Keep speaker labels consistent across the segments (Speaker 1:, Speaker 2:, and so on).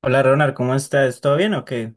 Speaker 1: Hola Ronald, ¿cómo estás? ¿Todo bien o qué?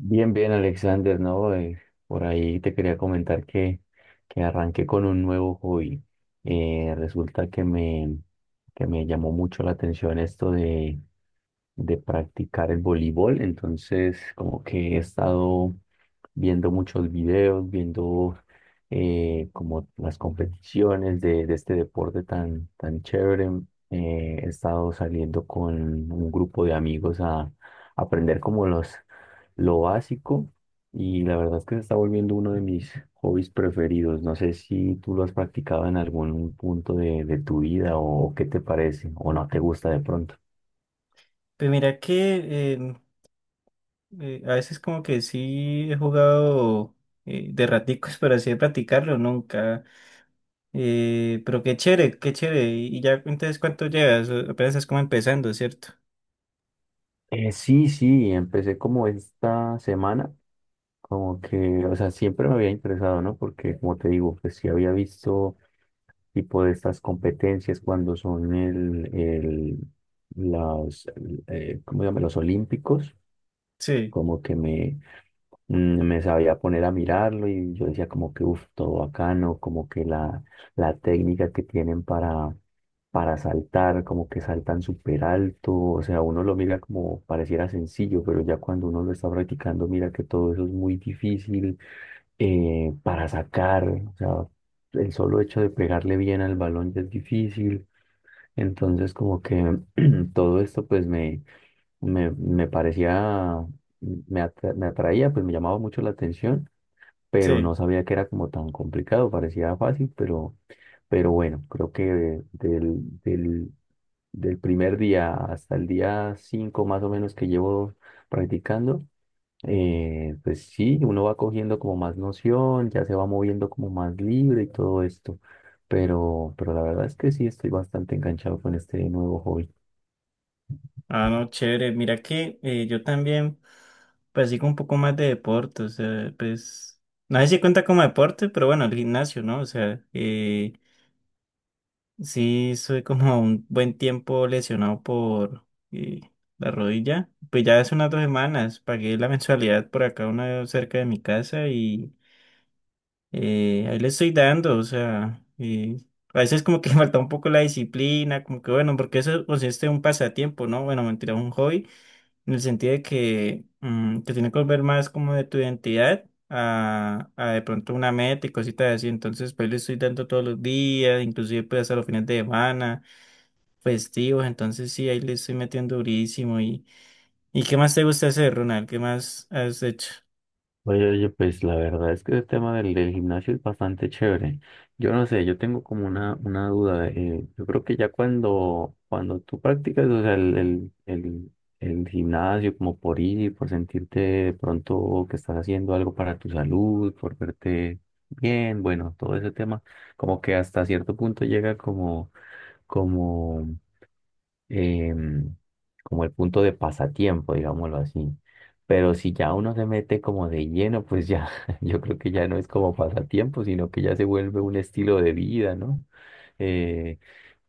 Speaker 2: Bien, bien, Alexander, ¿no? Por ahí te quería comentar que arranqué con un nuevo hobby. Resulta que me llamó mucho la atención esto de practicar el voleibol, entonces como que he estado viendo muchos videos, viendo como las competiciones de este deporte tan chévere. He estado saliendo con un grupo de amigos aprender como lo básico, y la verdad es que se está volviendo uno de mis hobbies preferidos. No sé si tú lo has practicado en algún punto de tu vida, o qué te parece, o no te gusta de pronto.
Speaker 1: Pues mira que a veces como que sí he jugado de raticos, pero así de practicarlo nunca. Pero qué chévere, qué chévere. Y ya entonces cuánto llevas, apenas estás como empezando, ¿cierto?
Speaker 2: Sí, sí, empecé como esta semana. Como que, o sea, siempre me había interesado, ¿no? Porque, como te digo, pues sí había visto tipo de estas competencias cuando son las, ¿cómo se llama? Los olímpicos.
Speaker 1: Sí,
Speaker 2: como que me, Me sabía poner a mirarlo y yo decía como que uff, todo bacano, como que la técnica que tienen para saltar, como que saltan súper alto. O sea, uno lo mira como pareciera sencillo, pero ya cuando uno lo está practicando, mira que todo eso es muy difícil, para sacar, o sea, el solo hecho de pegarle bien al balón ya es difícil. Entonces, como que todo esto, me parecía, me atraía, pues me llamaba mucho la atención, pero no
Speaker 1: sí.
Speaker 2: sabía que era como tan complicado, parecía fácil, pero bueno, creo que del, del primer día hasta el día 5 más o menos que llevo practicando, pues sí, uno va cogiendo como más noción, ya se va moviendo como más libre y todo esto, pero la verdad es que sí estoy bastante enganchado con este nuevo hobby.
Speaker 1: Ah, no, chévere. Mira que yo también practico un poco más de deporte, o sea, pues no sé si cuenta como deporte, pero bueno, el gimnasio, ¿no? O sea, Sí, soy como un buen tiempo lesionado por la rodilla. Pues ya hace unas 2 semanas pagué la mensualidad por acá, una cerca de mi casa y ahí le estoy dando. O sea, a veces como que falta un poco la disciplina, como que bueno, porque eso consiste en un pasatiempo, ¿no? Bueno, mentira, un hobby, en el sentido de que te tiene que volver más como de tu identidad. A de pronto una meta y cositas así, entonces pues le estoy dando todos los días, inclusive pues hasta los fines de semana festivos, entonces sí, ahí le estoy metiendo durísimo. Y qué más te gusta hacer, Ronald? ¿Qué más has hecho?
Speaker 2: Oye, oye, pues la verdad es que el tema del gimnasio es bastante chévere. Yo no sé, yo tengo como una duda. Yo creo que ya cuando tú practicas, o sea, el gimnasio como por ir, por sentirte de pronto que estás haciendo algo para tu salud, por verte bien, bueno, todo ese tema, como que hasta cierto punto llega como, como em, como el punto de pasatiempo, digámoslo así. Pero si ya uno se mete como de lleno, pues ya, yo creo que ya no es como pasatiempo, sino que ya se vuelve un estilo de vida, ¿no? Eh,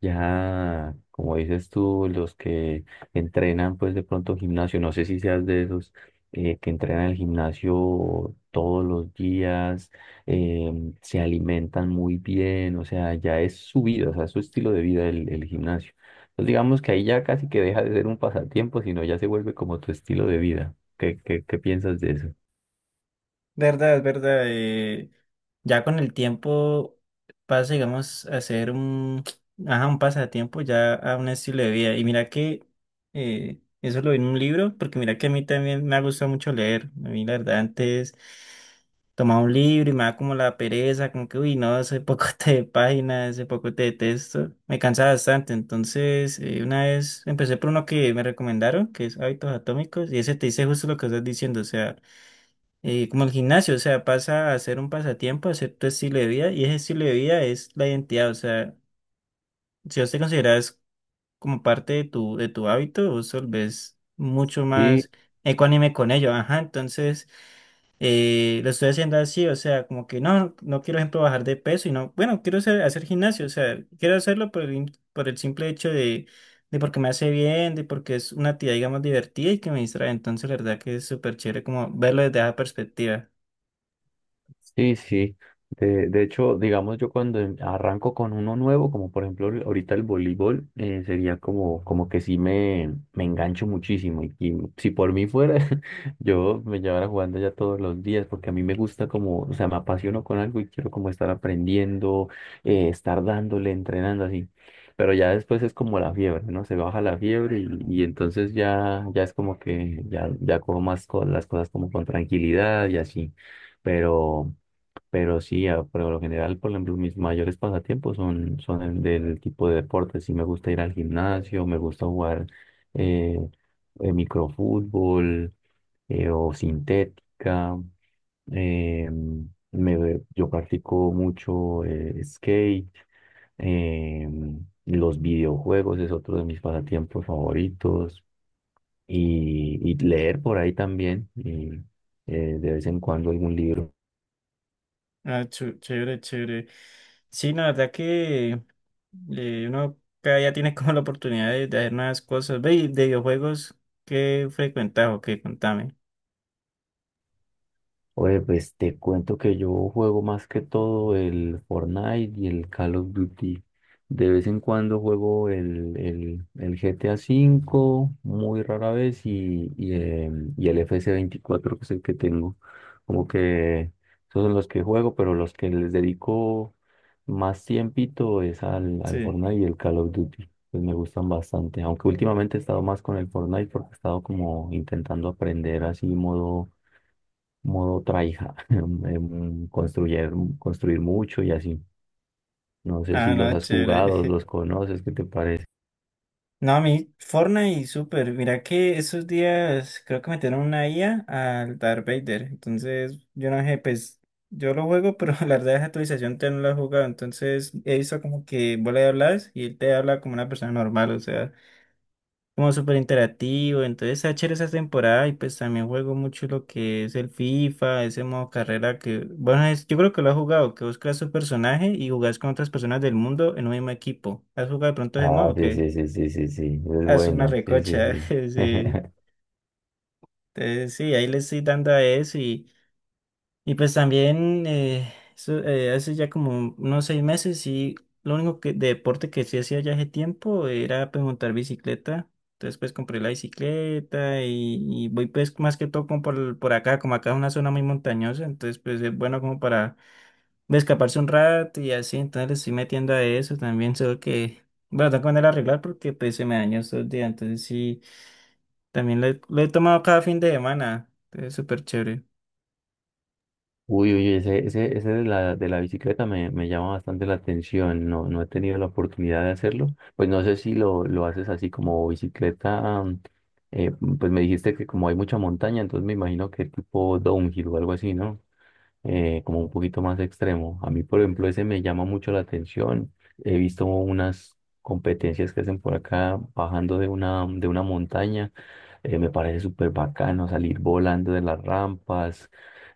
Speaker 2: ya, como dices tú, los que entrenan, pues de pronto gimnasio, no sé si seas de esos, que entrenan el gimnasio todos los días, se alimentan muy bien, o sea, ya es su vida, o sea, es su estilo de vida el gimnasio. Pues digamos que ahí ya casi que deja de ser un pasatiempo, sino ya se vuelve como tu estilo de vida. Qué piensas de eso?
Speaker 1: Verdad, es verdad. Ya con el tiempo pasa, digamos, ajá, un pasatiempo ya a un estilo de vida. Y mira que eso lo vi en un libro, porque mira que a mí también me ha gustado mucho leer. A mí, la verdad, antes tomaba un libro y me daba como la pereza, como que, uy, no, ese poco de páginas, ese poco de texto. Me cansaba bastante. Entonces, una vez empecé por uno que me recomendaron, que es Hábitos Atómicos, y ese te dice justo lo que estás diciendo, o sea como el gimnasio, o sea, pasa a ser un pasatiempo, a ser tu estilo de vida, y ese estilo de vida es la identidad, o sea, si vos te consideras como parte de tu hábito, vos te volvés mucho
Speaker 2: Sí,
Speaker 1: más ecuánime con ello, ajá, entonces lo estoy haciendo así, o sea, como que no, no quiero, ejemplo, bajar de peso, y no, bueno, quiero hacer, hacer gimnasio, o sea, quiero hacerlo por el, por el simple hecho de porque me hace bien, de porque es una actividad, digamos, divertida y que me distrae, entonces la verdad que es súper chévere como verlo desde esa perspectiva.
Speaker 2: sí, sí. De hecho, digamos, yo cuando arranco con uno nuevo, como por ejemplo ahorita el voleibol, sería como, como que sí me engancho muchísimo. Y si por mí fuera, yo me llevara jugando ya todos los días, porque a mí me gusta como, o sea, me apasiono con algo y quiero como estar aprendiendo, estar dándole, entrenando así. Pero ya después es como la fiebre, ¿no? Se baja la fiebre y entonces ya, ya es como que ya, ya cojo más las cosas como con tranquilidad y así. Pero... Pero sí, por lo general, por ejemplo, mis mayores pasatiempos son el del tipo de deportes. Sí, me gusta ir al gimnasio, me gusta jugar, eh, microfútbol, o sintética. eh, yo practico mucho skate. eh, los videojuegos es otro de mis pasatiempos favoritos. Y leer por ahí también. Y de vez en cuando algún libro.
Speaker 1: Ah, chévere, chévere. Sí, no, la verdad que uno cada día tiene como la oportunidad de hacer nuevas cosas. Ve, y de videojuegos, ¿qué frecuentas o qué? Contame.
Speaker 2: Oye, pues te cuento que yo juego más que todo el Fortnite y el Call of Duty. De vez en cuando juego el GTA V, muy rara vez, y, y el FC24, que es el que tengo. Como que esos son los que juego, pero los que les dedico más tiempito es al
Speaker 1: Sí.
Speaker 2: Fortnite y el Call of Duty. Pues me gustan bastante, aunque últimamente he estado más con el Fortnite porque he estado como intentando aprender así modo tryhard, construir, construir mucho y así. No sé si
Speaker 1: Ah, no,
Speaker 2: los has jugado,
Speaker 1: chévere.
Speaker 2: los conoces, ¿qué te parece?
Speaker 1: No, a mí Fortnite, y super mira que esos días creo que metieron una IA al Darth Vader. Entonces, yo no sé, pues yo lo juego, pero la verdad esa actualización te no la he jugado. Entonces, he visto como que vos le hablas y él te habla como una persona normal, o sea, como súper interactivo. Entonces está chévere esa temporada y pues también juego mucho lo que es el FIFA, ese modo carrera que, bueno, yo creo que lo has jugado, que vos creas tu personaje y jugás con otras personas del mundo en un mismo equipo. ¿Has jugado de pronto ese
Speaker 2: Ah,
Speaker 1: modo
Speaker 2: sí,
Speaker 1: que?
Speaker 2: sí, sí, sí, sí, sí, es
Speaker 1: Ah, es una
Speaker 2: bueno, sí, sí,
Speaker 1: recocha,
Speaker 2: sí.
Speaker 1: sí. Entonces sí, ahí le estoy dando a eso. Y pues también, eso, hace ya como unos 6 meses, y lo único que, de deporte que sí hacía ya hace tiempo era pues montar bicicleta. Entonces pues compré la bicicleta y voy pues más que todo como por acá, como acá es una zona muy montañosa, entonces pues es bueno como para escaparse un rato y así, entonces le estoy metiendo a eso también, solo que, bueno, tengo que mandar a arreglar porque pues se me dañó estos días, entonces sí, también lo he tomado cada fin de semana, entonces es súper chévere.
Speaker 2: Uy, uy, ese de la bicicleta me llama bastante la atención. No, no he tenido la oportunidad de hacerlo, pues no sé si lo haces así como bicicleta, eh, pues me dijiste que como hay mucha montaña, entonces me imagino que tipo downhill o algo así, ¿no? Como un poquito más extremo. A mí, por ejemplo, ese me llama mucho la atención. He visto unas competencias que hacen por acá bajando de de una montaña. Me parece súper bacano salir volando de las rampas.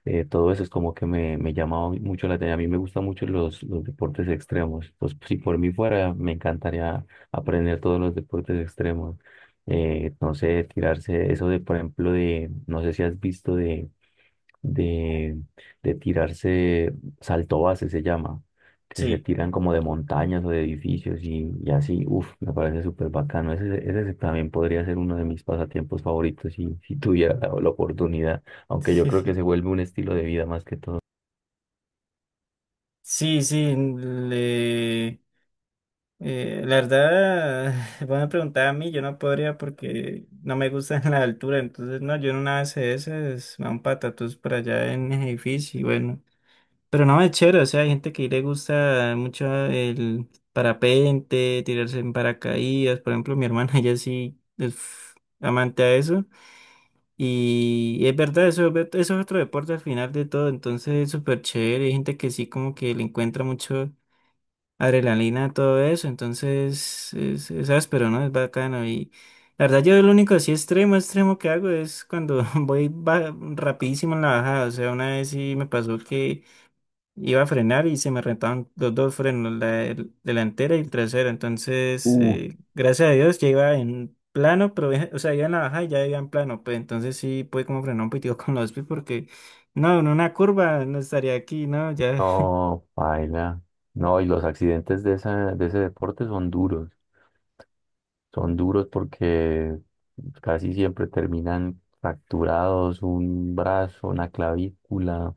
Speaker 2: Todo eso es como que me llama mucho la atención. A mí me gustan mucho los deportes extremos. Pues si por mí fuera, me encantaría aprender todos los deportes extremos. No sé, tirarse eso de, por ejemplo, de, no sé si has visto de, de tirarse salto base, se llama, que se
Speaker 1: Sí.
Speaker 2: tiran como de montañas o de edificios y así, uff, me parece súper bacano. Ese también podría ser uno de mis pasatiempos favoritos si, si tuviera la oportunidad, aunque yo creo que se vuelve un estilo de vida más que todo.
Speaker 1: Sí, sí, la verdad, van a preguntar a mí, yo no podría porque no me gusta la altura, entonces no, yo en una ese es a un patatús por allá en el edificio y bueno, pero no, es chévere, o sea, hay gente que le gusta mucho el parapente, tirarse en paracaídas, por ejemplo, mi hermana, ella sí es amante a eso. Y es verdad, eso, eso es otro deporte al final de todo, entonces es súper chévere. Hay gente que sí como que le encuentra mucho adrenalina, todo eso, entonces es áspero, ¿no? Es bacano y la verdad yo lo único así extremo, extremo que hago es cuando voy rapidísimo en la bajada, o sea, una vez sí me pasó que iba a frenar y se me rentaban los dos frenos, la delantera y el trasero, entonces
Speaker 2: Uh,
Speaker 1: gracias a Dios ya iba en plano, pero o sea, iba en la bajada y ya iba en plano, pues entonces sí pude como frenar un poquitico con los pies porque no, en una curva no estaría aquí, ¿no? Ya.
Speaker 2: no, paila. No, y los accidentes de esa, de ese deporte son duros porque casi siempre terminan fracturados, un brazo, una clavícula.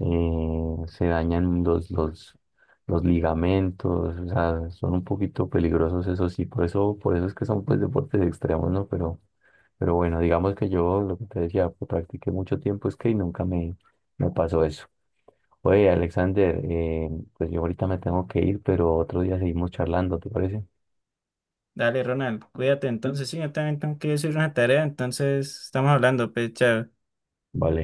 Speaker 2: Se dañan los ligamentos. O sea, son un poquito peligrosos, eso sí, por eso es que son pues deportes extremos, ¿no? Pero bueno, digamos que yo lo que te decía, pues, practiqué mucho tiempo es que y nunca me pasó eso. Oye, Alexander, pues yo ahorita me tengo que ir, pero otro día seguimos charlando, ¿te parece?
Speaker 1: Dale, Ronald, cuídate entonces. Sí, yo también tengo que hacer una tarea, entonces estamos hablando, pues, chao.
Speaker 2: Vale.